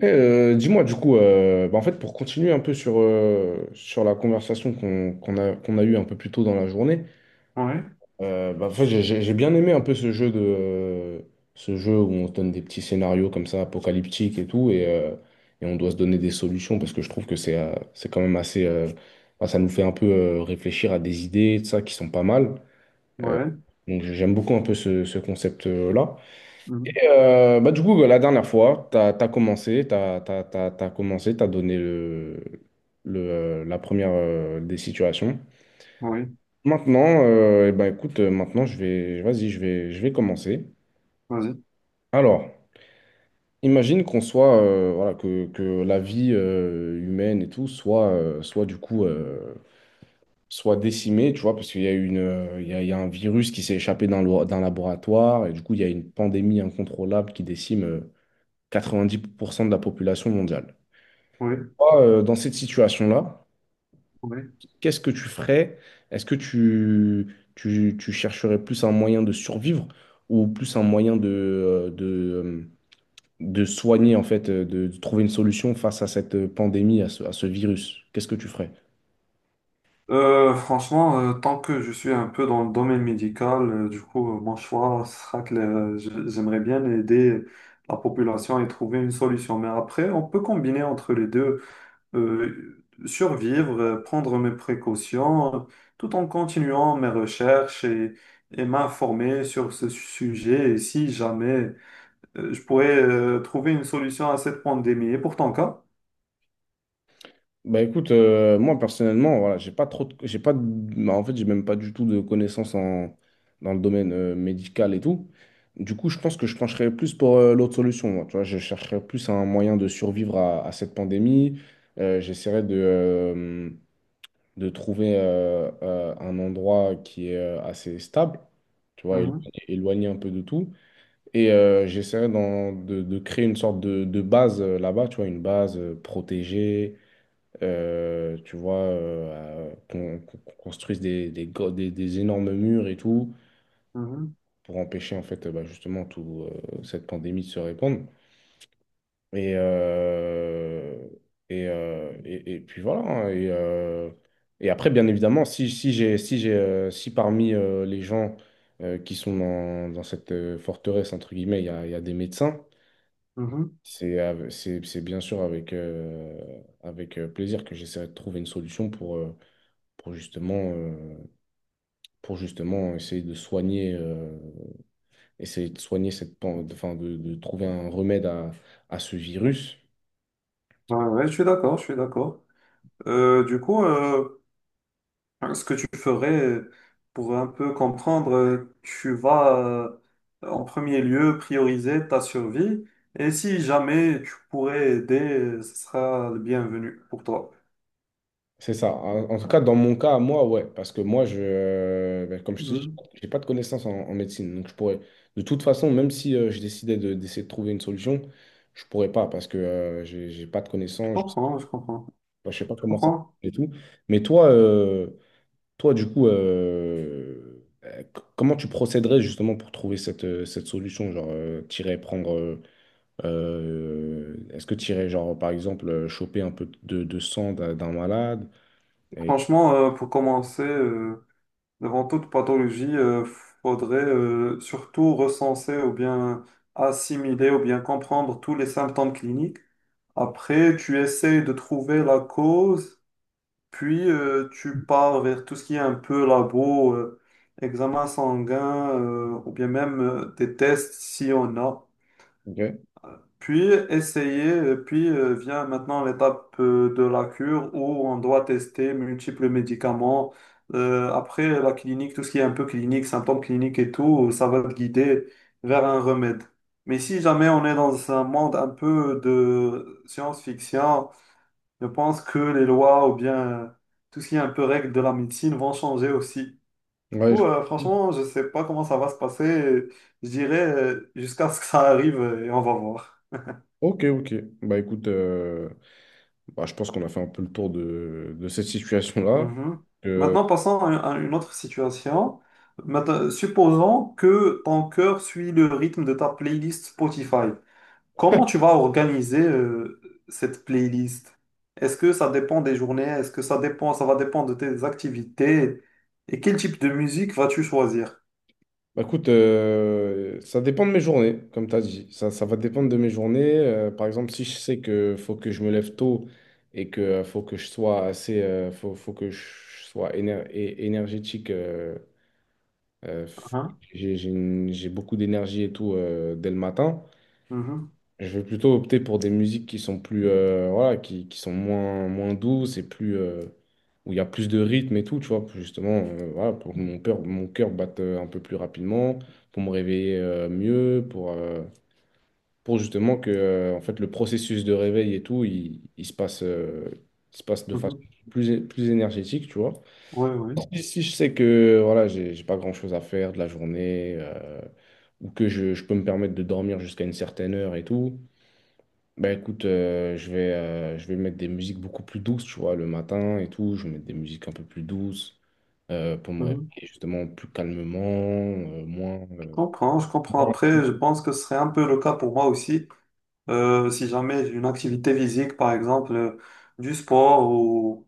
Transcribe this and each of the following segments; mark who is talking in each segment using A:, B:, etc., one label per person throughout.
A: Dis-moi du coup, pour continuer un peu sur, sur la conversation qu'on a, qu'on a eue un peu plus tôt dans la journée,
B: Ouais,
A: en fait, j'ai bien aimé un peu ce jeu de ce jeu où on se donne des petits scénarios comme ça, apocalyptiques et tout, et on doit se donner des solutions parce que je trouve que c'est quand même assez. Bah, ça nous fait un peu réfléchir à des idées, de ça, qui sont pas mal. Euh,
B: ouais,
A: donc j'aime beaucoup un peu ce, ce concept-là.
B: mhm,
A: Du coup, la dernière fois, tu as, commencé, tu as, commencé, tu donné le, la première des situations.
B: oui,
A: Maintenant, eh ben, écoute, maintenant, vas-y, je vais commencer.
B: vas-y,
A: Alors, imagine qu'on soit, voilà, que la vie humaine et tout soit du coup, soit décimée, tu vois, parce qu'il y a une, il y a un virus qui s'est échappé d'un laboratoire et du coup, il y a une pandémie incontrôlable qui décime 90% de la population mondiale.
B: oui,
A: Toi, dans cette situation-là,
B: oui.
A: qu'est-ce que tu ferais? Est-ce que tu, tu chercherais plus un moyen de survivre ou plus un moyen euh, de soigner, en fait, de trouver une solution face à cette pandémie, à ce virus? Qu'est-ce que tu ferais?
B: Franchement, tant que je suis un peu dans le domaine médical, du coup, mon choix sera que j'aimerais bien aider la population et trouver une solution. Mais après, on peut combiner entre les deux, survivre, prendre mes précautions, tout en continuant mes recherches et m'informer sur ce sujet. Et si jamais, je pourrais trouver une solution à cette pandémie. Et pour ton cas?
A: Bah écoute, moi personnellement, voilà, j'ai pas de- bah, en fait, j'ai même pas du tout de connaissances en, dans le domaine médical et tout. Du coup, je pense que je pencherais plus pour l'autre solution. Moi, tu vois, je chercherais plus un moyen de survivre à cette pandémie. J'essaierais de trouver un endroit qui est assez stable, tu vois, éloigné un peu de tout. Et j'essaierais de créer une sorte de base là-bas, tu vois, une base protégée tu vois, qu'on construise des, des énormes murs et tout,
B: Mhm,
A: pour empêcher en fait, bah, justement tout, cette pandémie de se répandre. Et, euh, et et puis voilà. Hein, et après, bien évidemment, si j'ai, si parmi les gens qui sont dans, dans cette forteresse, entre guillemets, il y a des médecins,
B: mhm.
A: c'est bien sûr avec plaisir que j'essaierai de trouver une solution pour justement, euh, pour justement essayer de essayer de soigner cette, enfin, de trouver un remède à ce virus.
B: Ouais, ouais, je suis d'accord, je suis d'accord. Du coup, ce que tu ferais pour un peu comprendre, tu vas en premier lieu prioriser ta survie et si jamais tu pourrais aider, ce sera le bienvenu pour toi.
A: C'est ça. En, en tout cas, dans mon cas, moi, ouais, parce que moi, ben, comme je te dis,
B: Mhm.
A: j'ai pas de connaissances en, en médecine, donc je pourrais, de toute façon, même si je décidais de, d'essayer de trouver une solution, je pourrais pas parce que j'ai pas de
B: Je
A: connaissances,
B: comprends, je comprends,
A: je sais pas
B: je
A: comment ça
B: comprends.
A: et tout. Mais toi, euh, Toi, du coup, comment tu procéderais justement pour trouver cette, cette solution? T'irais prendre. Est-ce que t'irais, genre, par exemple, choper un peu de sang d'un malade? Et...
B: Franchement, pour commencer, devant toute pathologie, faudrait surtout recenser ou bien assimiler ou bien comprendre tous les symptômes cliniques. Après, tu essayes de trouver la cause, puis tu pars vers tout ce qui est un peu labo, examen sanguin, ou bien même des tests si on a.
A: Ok.
B: Puis essayer, puis vient maintenant l'étape de la cure où on doit tester multiples médicaments. Après la clinique, tout ce qui est un peu clinique, symptômes cliniques et tout, ça va te guider vers un remède. Mais si jamais on est dans un monde un peu de science-fiction, je pense que les lois ou bien euh, tout ce qui est un peu règles de la médecine vont changer aussi. Du
A: Ouais,
B: coup, franchement, je ne sais pas comment ça va se passer. Je dirais jusqu'à ce que ça arrive et on va voir.
A: ok, ok. Bah écoute, bah, je pense qu'on a fait un peu le tour de cette situation-là.
B: Mhm. Maintenant, passons à une autre situation. Maintenant, supposons que ton cœur suit le rythme de ta playlist Spotify. Comment tu vas organiser cette playlist? Est-ce que ça dépend des journées? Est-ce que ça dépend, ça va dépendre de tes activités? Et quel type de musique vas-tu choisir?
A: Bah, écoute, ça dépend de mes journées, comme tu as dit. Ça va dépendre de mes journées. Par exemple, si je sais que faut que je me lève tôt et que faut que je sois assez, faut, faut que je sois énergétique, euh, f-
B: Hein.
A: j'ai beaucoup d'énergie et tout dès le matin.
B: Mhm,
A: Je vais plutôt opter pour des musiques qui sont plus, voilà, qui sont moins, moins douces et plus, où il y a plus de rythme et tout, tu vois, pour justement, voilà, pour que mon cœur batte un peu plus rapidement, pour me réveiller mieux, pour justement que, en fait, le processus de réveil et tout, il se passe de façon
B: mhm.
A: plus, plus énergétique, tu vois.
B: Oui, oui.
A: Si, si je sais que, voilà, j'ai pas grand-chose à faire de la journée, ou que je peux me permettre de dormir jusqu'à une certaine heure et tout. Bah écoute, je vais mettre des musiques beaucoup plus douces, tu vois, le matin et tout. Je vais mettre des musiques un peu plus douces pour me réveiller
B: Mhm.
A: justement plus calmement, euh, moins.
B: Je
A: euh.
B: comprends, je comprends. Après, je pense que ce serait un peu le cas pour moi aussi. Si jamais j'ai une activité physique, par exemple, du sport ou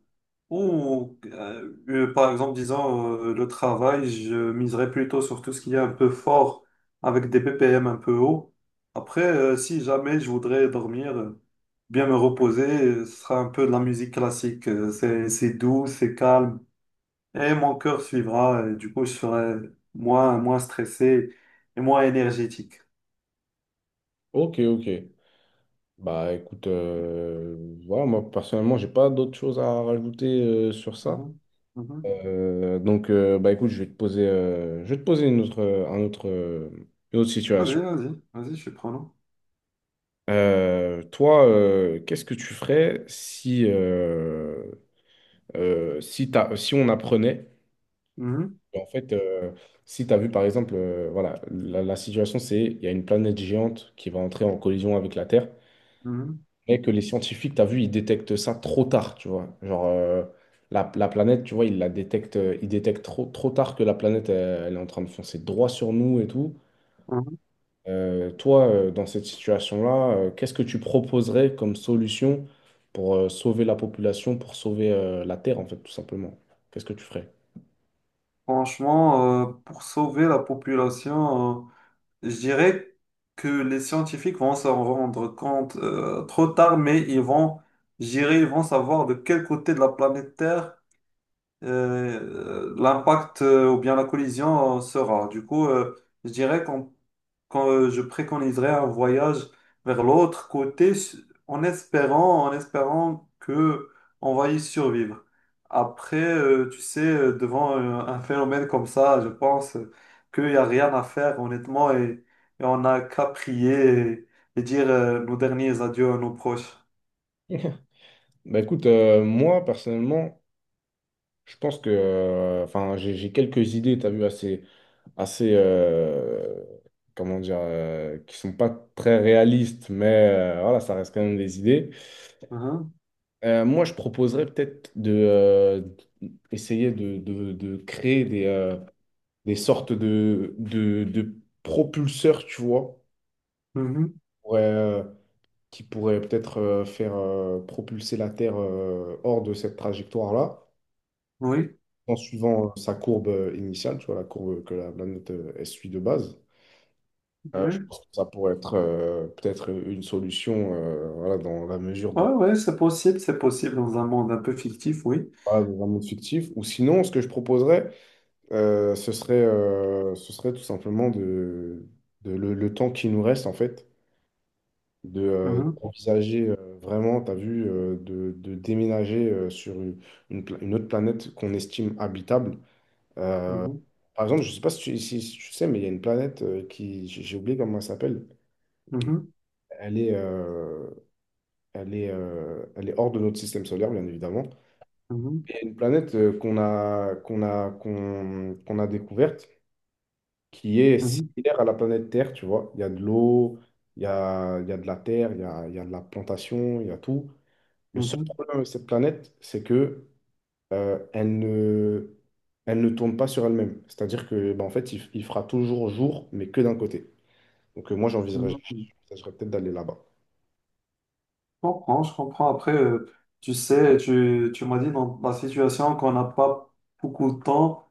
B: ou par exemple, disons, le travail, je miserais plutôt sur tout ce qui est un peu fort, avec des BPM un peu hauts. Après, si jamais je voudrais dormir, bien me reposer, ce sera un peu de la musique classique. C'est doux, c'est calme, et mon cœur suivra, et du coup, je serai moins, moins stressé et moins énergétique.
A: Ok, ok. Bah écoute, voilà, moi personnellement, j'ai pas d'autres choses à rajouter sur ça.
B: Mhm, mhm.
A: Donc bah écoute, je vais te poser une autre, un autre, une autre
B: Vas-y,
A: situation.
B: vas-y, vas-y, je suis prenant.
A: Toi, qu'est-ce que tu ferais si, si on apprenait
B: Mhm,
A: en fait, si tu as vu par exemple, voilà, la situation c'est il y a une planète géante qui va entrer en collision avec la Terre,
B: mhm,
A: mais que les scientifiques, tu as vu, ils détectent ça trop tard, tu vois. La, la planète, tu vois, ils la détectent, ils détectent trop, trop tard que la planète, elle, elle est en train de foncer droit sur nous et tout.
B: mhm.
A: Toi, dans cette situation-là, qu'est-ce que tu proposerais comme solution pour sauver la population, pour sauver la Terre, en fait, tout simplement? Qu'est-ce que tu ferais?
B: Franchement, pour sauver la population, je dirais que les scientifiques vont s'en rendre compte trop tard, mais ils vont, je dirais, ils vont savoir de quel côté de la planète Terre l'impact ou bien la collision sera. Du coup, je dirais qu'on quand, je préconiserais un voyage vers l'autre côté en espérant que on va y survivre. Après, tu sais, devant un phénomène comme ça, je pense qu'il n'y a rien à faire, honnêtement, et on n'a qu'à prier et dire nos derniers adieux à nos proches.
A: Bah écoute, moi personnellement, je pense que, enfin, j'ai quelques idées, tu as vu, assez, assez, comment dire, qui sont pas très réalistes, mais voilà, ça reste quand même des idées.
B: Mhm.
A: Moi, je proposerais peut-être de essayer de, de créer des sortes de propulseurs, tu vois,
B: Mhm.
A: pour, euh, qui pourraient peut-être faire propulser la Terre hors de cette trajectoire-là,
B: Oui,
A: en suivant sa courbe initiale, tu vois, la courbe que la planète elle suit de base. Je
B: oui.
A: pense que ça pourrait être peut-être une solution, voilà, dans la mesure
B: Ouais,
A: de,
B: ouais, c'est possible dans un monde un peu fictif, oui.
A: voilà, dans un monde fictif. Ou sinon, ce que je proposerais, ce serait tout simplement de le temps qui nous reste, en fait,
B: Mhm.
A: d'envisager vraiment, tu as vu, de déménager sur une, une autre planète qu'on estime habitable. euh,
B: Mhm.
A: Par exemple, je ne sais pas si tu, si tu sais, mais il y a une planète qui, j'ai oublié comment elle s'appelle.
B: Mhm.
A: Elle est, euh, elle est hors de notre système solaire, bien évidemment.
B: Mhm.
A: Et une planète qu'on a découverte qui est similaire à la planète Terre, tu vois. Il y a de l'eau, il y a de la terre, il y a de la plantation, il y a tout. Le seul
B: Mhm.
A: problème avec cette planète, c'est que euh, elle ne, elle ne tourne pas sur elle-même. C'est-à-dire que, bah, en fait, il fera toujours jour, mais que d'un côté. Donc moi,
B: Mhm. Mhm.
A: j'envisagerais peut-être d'aller là-bas.
B: Je comprends, je comprends. Après, tu sais, tu m'as dit dans la situation qu'on n'a pas beaucoup de temps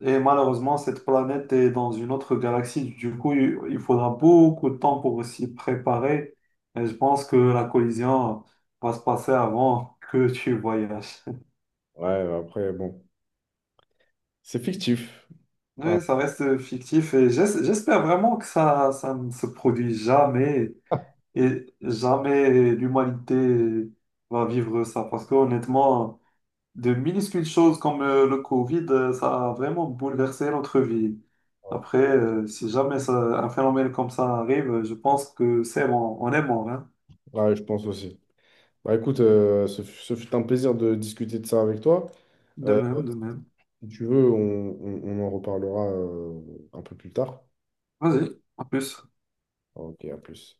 B: et malheureusement, cette planète est dans une autre galaxie. Du coup, il faudra beaucoup de temps pour s'y préparer. Et je pense que la collision va se passer avant que tu voyages.
A: Ouais, bah, après, bon, c'est fictif. Ouais,
B: Oui, ça reste fictif et j'espère vraiment que ça ne se produit jamais et jamais l'humanité va vivre ça parce que honnêtement, de minuscules choses comme le Covid, ça a vraiment bouleversé notre vie. Après, si jamais un phénomène comme ça arrive, je pense que c'est bon, on est mort, hein.
A: ouais, je pense aussi. Bah écoute, ce fut un plaisir de discuter de ça avec toi.
B: De
A: Euh,
B: même, de même.
A: Si tu veux, on en reparlera un peu plus tard.
B: Vas-y, en plus.
A: Ok, à plus.